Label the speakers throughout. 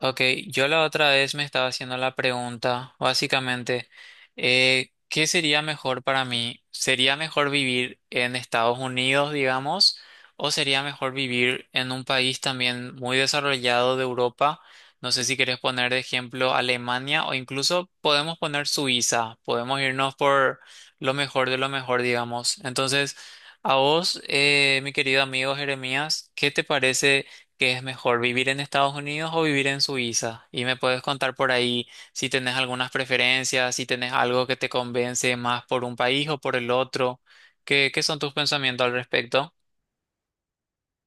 Speaker 1: Ok, yo la otra vez me estaba haciendo la pregunta, básicamente, ¿qué sería mejor para mí? ¿Sería mejor vivir en Estados Unidos, digamos, o sería mejor vivir en un país también muy desarrollado de Europa? No sé si querés poner de ejemplo Alemania o incluso podemos poner Suiza, podemos irnos por lo mejor de lo mejor, digamos. Entonces, a vos, mi querido amigo Jeremías, ¿qué te parece? ¿Qué es mejor, vivir en Estados Unidos o vivir en Suiza? Y me puedes contar por ahí si tenés algunas preferencias, si tenés algo que te convence más por un país o por el otro. ¿Qué son tus pensamientos al respecto?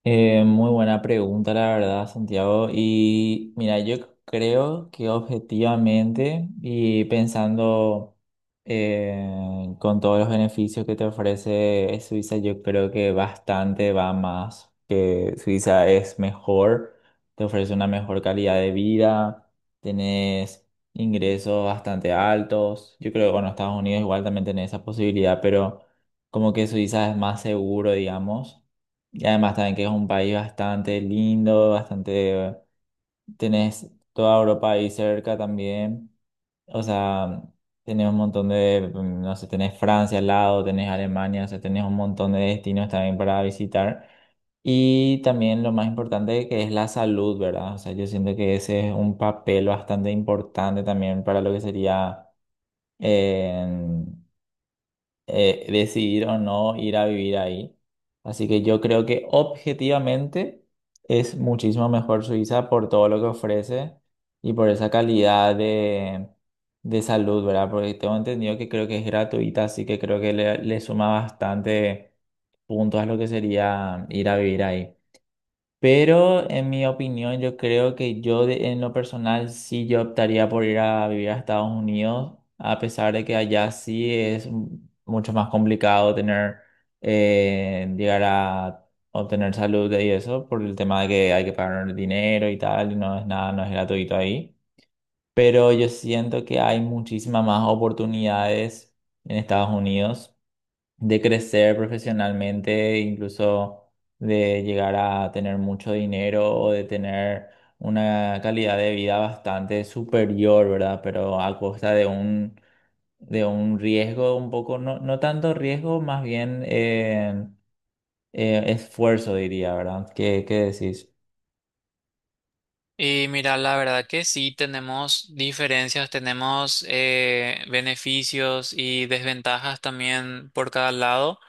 Speaker 2: Muy buena pregunta, la verdad, Santiago. Y mira, yo creo que objetivamente y pensando eh, con todos los beneficios que te ofrece Suiza, yo creo que bastante va más, que Suiza es mejor, te ofrece una mejor calidad de vida, tenés ingresos bastante altos. Yo creo que, bueno, Estados Unidos igual también tenés esa posibilidad, pero como que Suiza es más seguro, digamos. Y además también que es un país bastante lindo, bastante... Tenés toda Europa ahí cerca también. O sea, tenés un montón de... No sé, tenés Francia al lado, tenés Alemania, o sea, tenés un montón de destinos también para visitar. Y también lo más importante que es la salud, ¿verdad? O sea, yo siento que ese es un papel bastante importante también para lo que sería... eh, decidir o no ir a vivir ahí. Así que yo creo que objetivamente es muchísimo mejor Suiza por todo lo que ofrece y por esa calidad de salud, ¿verdad? Porque tengo entendido que creo que es gratuita, así que creo que le suma bastante puntos a lo que sería ir a vivir ahí. Pero en mi opinión, yo creo que en lo personal sí yo optaría por ir a vivir a Estados Unidos, a pesar de que allá sí es mucho más complicado tener, llegar a obtener salud y eso, por el tema de que hay que pagar dinero y tal, y no es nada, no es gratuito ahí. Pero yo siento que hay muchísimas más oportunidades en Estados Unidos de crecer profesionalmente, incluso de llegar a tener mucho dinero o de tener una calidad de vida bastante superior, ¿verdad? Pero a costa de de un riesgo un poco, no, no tanto riesgo, más bien esfuerzo, diría, ¿verdad? Qué decís?
Speaker 1: Y mira, la verdad que sí tenemos diferencias, tenemos beneficios y desventajas también por cada lado.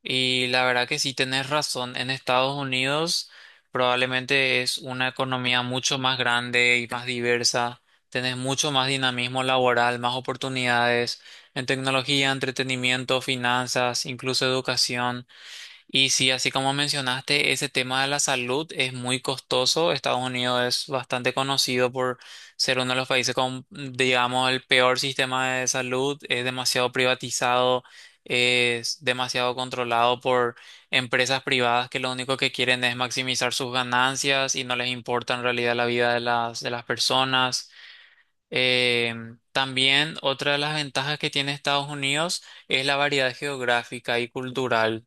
Speaker 1: Y la verdad que sí tenés razón. En Estados Unidos probablemente es una economía mucho más grande y más diversa. Tenés mucho más dinamismo laboral, más oportunidades en tecnología, entretenimiento, finanzas, incluso educación. Y sí, así como mencionaste, ese tema de la salud es muy costoso. Estados Unidos es bastante conocido por ser uno de los países con, digamos, el peor sistema de salud. Es demasiado privatizado, es demasiado controlado por empresas privadas que lo único que quieren es maximizar sus ganancias y no les importa en realidad la vida de las personas. Eh, también otra de las ventajas que tiene Estados Unidos es la variedad geográfica y cultural.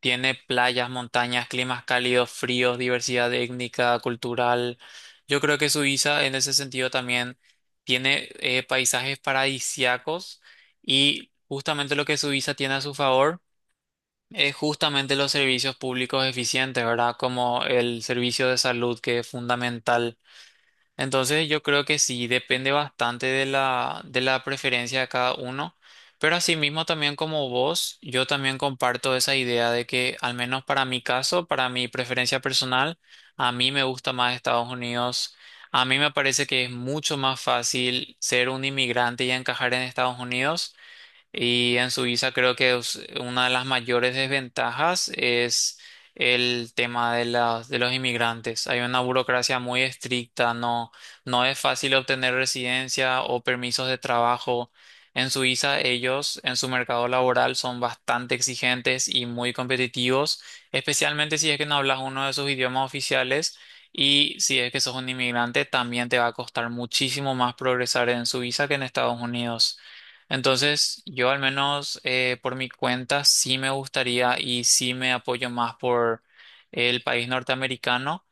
Speaker 1: Tiene playas, montañas, climas cálidos, fríos, diversidad étnica, cultural. Yo creo que Suiza en ese sentido también tiene paisajes paradisíacos y justamente lo que Suiza tiene a su favor es justamente los servicios públicos eficientes, ¿verdad? Como el servicio de salud que es fundamental. Entonces yo creo que sí, depende bastante de la preferencia de cada uno, pero asimismo también como vos, yo también comparto esa idea de que al menos para mi caso, para mi preferencia personal, a mí me gusta más Estados Unidos, a mí me parece que es mucho más fácil ser un inmigrante y encajar en Estados Unidos, y en Suiza creo que es una de las mayores desventajas es el tema de los inmigrantes. Hay una burocracia muy estricta, no, no es fácil obtener residencia o permisos de trabajo. En Suiza ellos en su mercado laboral son bastante exigentes y muy competitivos, especialmente si es que no hablas uno de sus idiomas oficiales, y si es que sos un inmigrante también te va a costar muchísimo más progresar en Suiza que en Estados Unidos. Entonces, yo al menos por mi cuenta sí me gustaría y sí me apoyo más por el país norteamericano,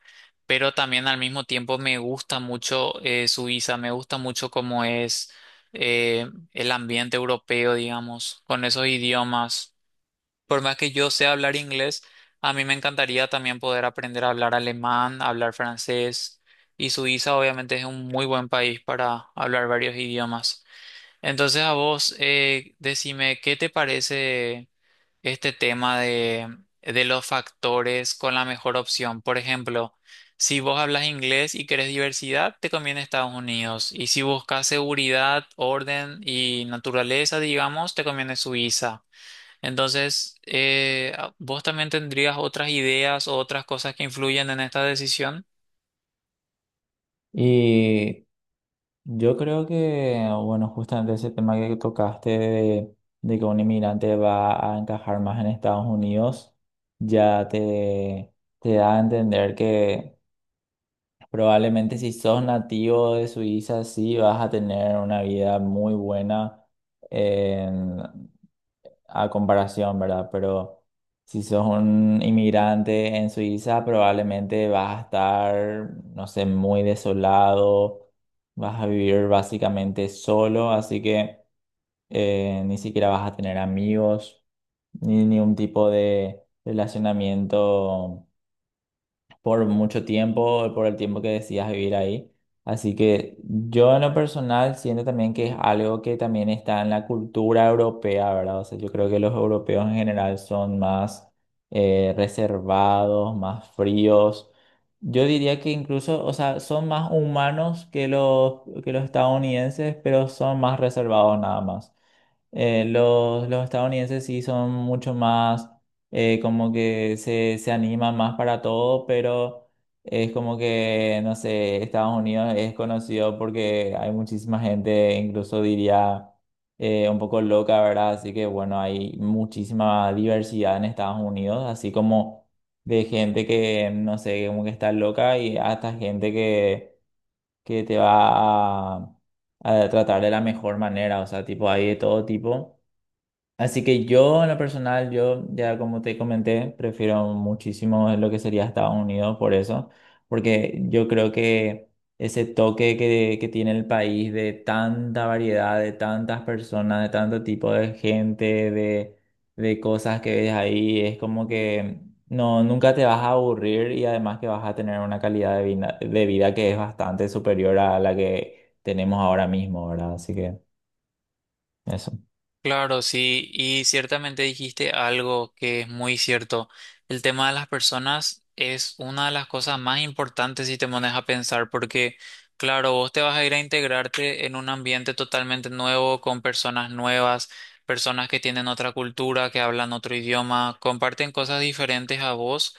Speaker 1: pero también al mismo tiempo me gusta mucho Suiza, me gusta mucho cómo es eh, el ambiente europeo, digamos, con esos idiomas. Por más que yo sea hablar inglés, a mí me encantaría también poder aprender a hablar alemán, a hablar francés, y Suiza obviamente es un muy buen país para hablar varios idiomas. Entonces a vos, decime, ¿qué te parece este tema de los factores con la mejor opción? Por ejemplo, si vos hablas inglés y querés diversidad, te conviene Estados Unidos. Y si buscas seguridad, orden y naturaleza, digamos, te conviene Suiza. Entonces, ¿vos también tendrías otras ideas o otras cosas que influyen en esta decisión?
Speaker 2: Y yo creo que, bueno, justamente ese tema que tocaste de que un inmigrante va a encajar más en Estados Unidos, ya te da a entender que probablemente si sos nativo de Suiza, sí vas a tener una vida muy buena a comparación, ¿verdad? Pero si sos un inmigrante en Suiza, probablemente vas a estar, no sé, muy desolado, vas a vivir básicamente solo, así que ni siquiera vas a tener amigos, ni ningún tipo de relacionamiento por mucho tiempo, por el tiempo que decías vivir ahí. Así que yo en lo personal siento también que es algo que también está en la cultura europea, ¿verdad? O sea, yo creo que los europeos en general son más reservados, más fríos. Yo diría que incluso, o sea, son más humanos que que los estadounidenses, pero son más reservados nada más. Los estadounidenses sí son mucho más, como que se animan más para todo, pero es como que, no sé, Estados Unidos es conocido porque hay muchísima gente, incluso diría un poco loca, ¿verdad? Así que bueno, hay muchísima diversidad en Estados Unidos, así como de gente que, no sé, como que está loca y hasta gente que te va a tratar de la mejor manera, o sea, tipo, hay de todo tipo. Así que yo, en lo personal, yo ya como te comenté, prefiero muchísimo lo que sería Estados Unidos por eso, porque yo creo que ese toque que tiene el país de tanta variedad, de tantas personas, de tanto tipo de gente, de cosas que ves ahí, es como que no, nunca te vas a aburrir y además que vas a tener una calidad de vida que es bastante superior a la que tenemos ahora mismo, ¿verdad? Así que eso.
Speaker 1: Claro, sí, y ciertamente dijiste algo que es muy cierto. El tema de las personas es una de las cosas más importantes si te pones a pensar, porque, claro, vos te vas a ir a integrarte en un ambiente totalmente nuevo, con personas nuevas, personas que tienen otra cultura, que hablan otro idioma, comparten cosas diferentes a vos,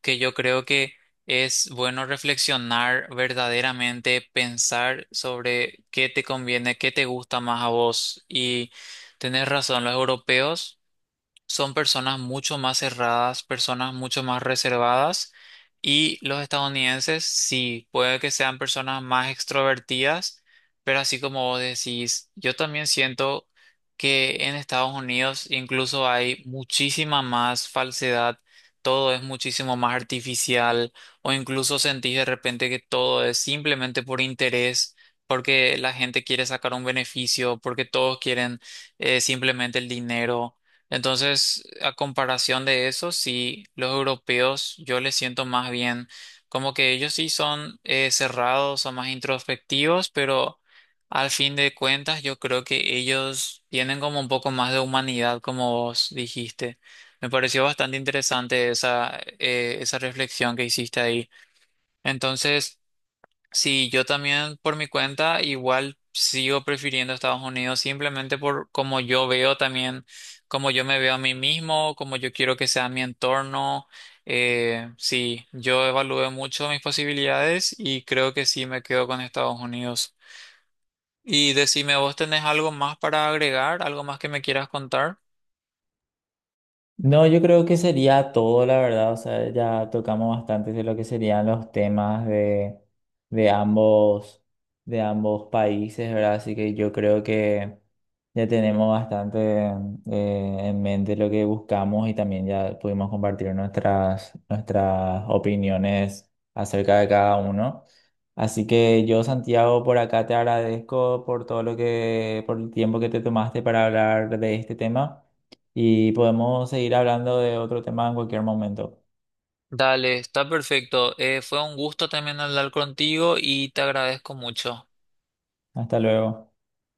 Speaker 1: que yo creo que es bueno reflexionar verdaderamente, pensar sobre qué te conviene, qué te gusta más a vos. Y tenés razón, los europeos son personas mucho más cerradas, personas mucho más reservadas, y los estadounidenses sí, puede que sean personas más extrovertidas, pero así como vos decís, yo también siento que en Estados Unidos incluso hay muchísima más falsedad, todo es muchísimo más artificial o incluso sentís de repente que todo es simplemente por interés, porque la gente quiere sacar un beneficio, porque todos quieren simplemente el dinero. Entonces, a comparación de eso, sí, los europeos yo les siento más bien como que ellos sí son cerrados, son más introspectivos, pero al fin de cuentas yo creo que ellos tienen como un poco más de humanidad, como vos dijiste. Me pareció bastante interesante esa reflexión que hiciste ahí. Entonces, sí, yo también por mi cuenta igual sigo prefiriendo Estados Unidos simplemente por cómo yo veo también, cómo yo me veo a mí mismo, cómo yo quiero que sea mi entorno. Sí, yo evalué mucho mis posibilidades y creo que sí me quedo con Estados Unidos. Y decime, ¿vos tenés algo más para agregar? ¿Algo más que me quieras contar?
Speaker 2: No, yo creo que sería todo, la verdad. O sea, ya tocamos bastante de lo que serían los temas de ambos, de ambos países, ¿verdad? Así que yo creo que ya tenemos bastante en mente lo que buscamos y también ya pudimos compartir nuestras, nuestras opiniones acerca de cada uno. Así que yo, Santiago, por acá te agradezco por todo lo que, por el tiempo que te tomaste para hablar de este tema y podemos seguir hablando de otro tema en cualquier momento.
Speaker 1: Dale, está perfecto. Fue un gusto también hablar contigo y te agradezco mucho.
Speaker 2: Hasta luego.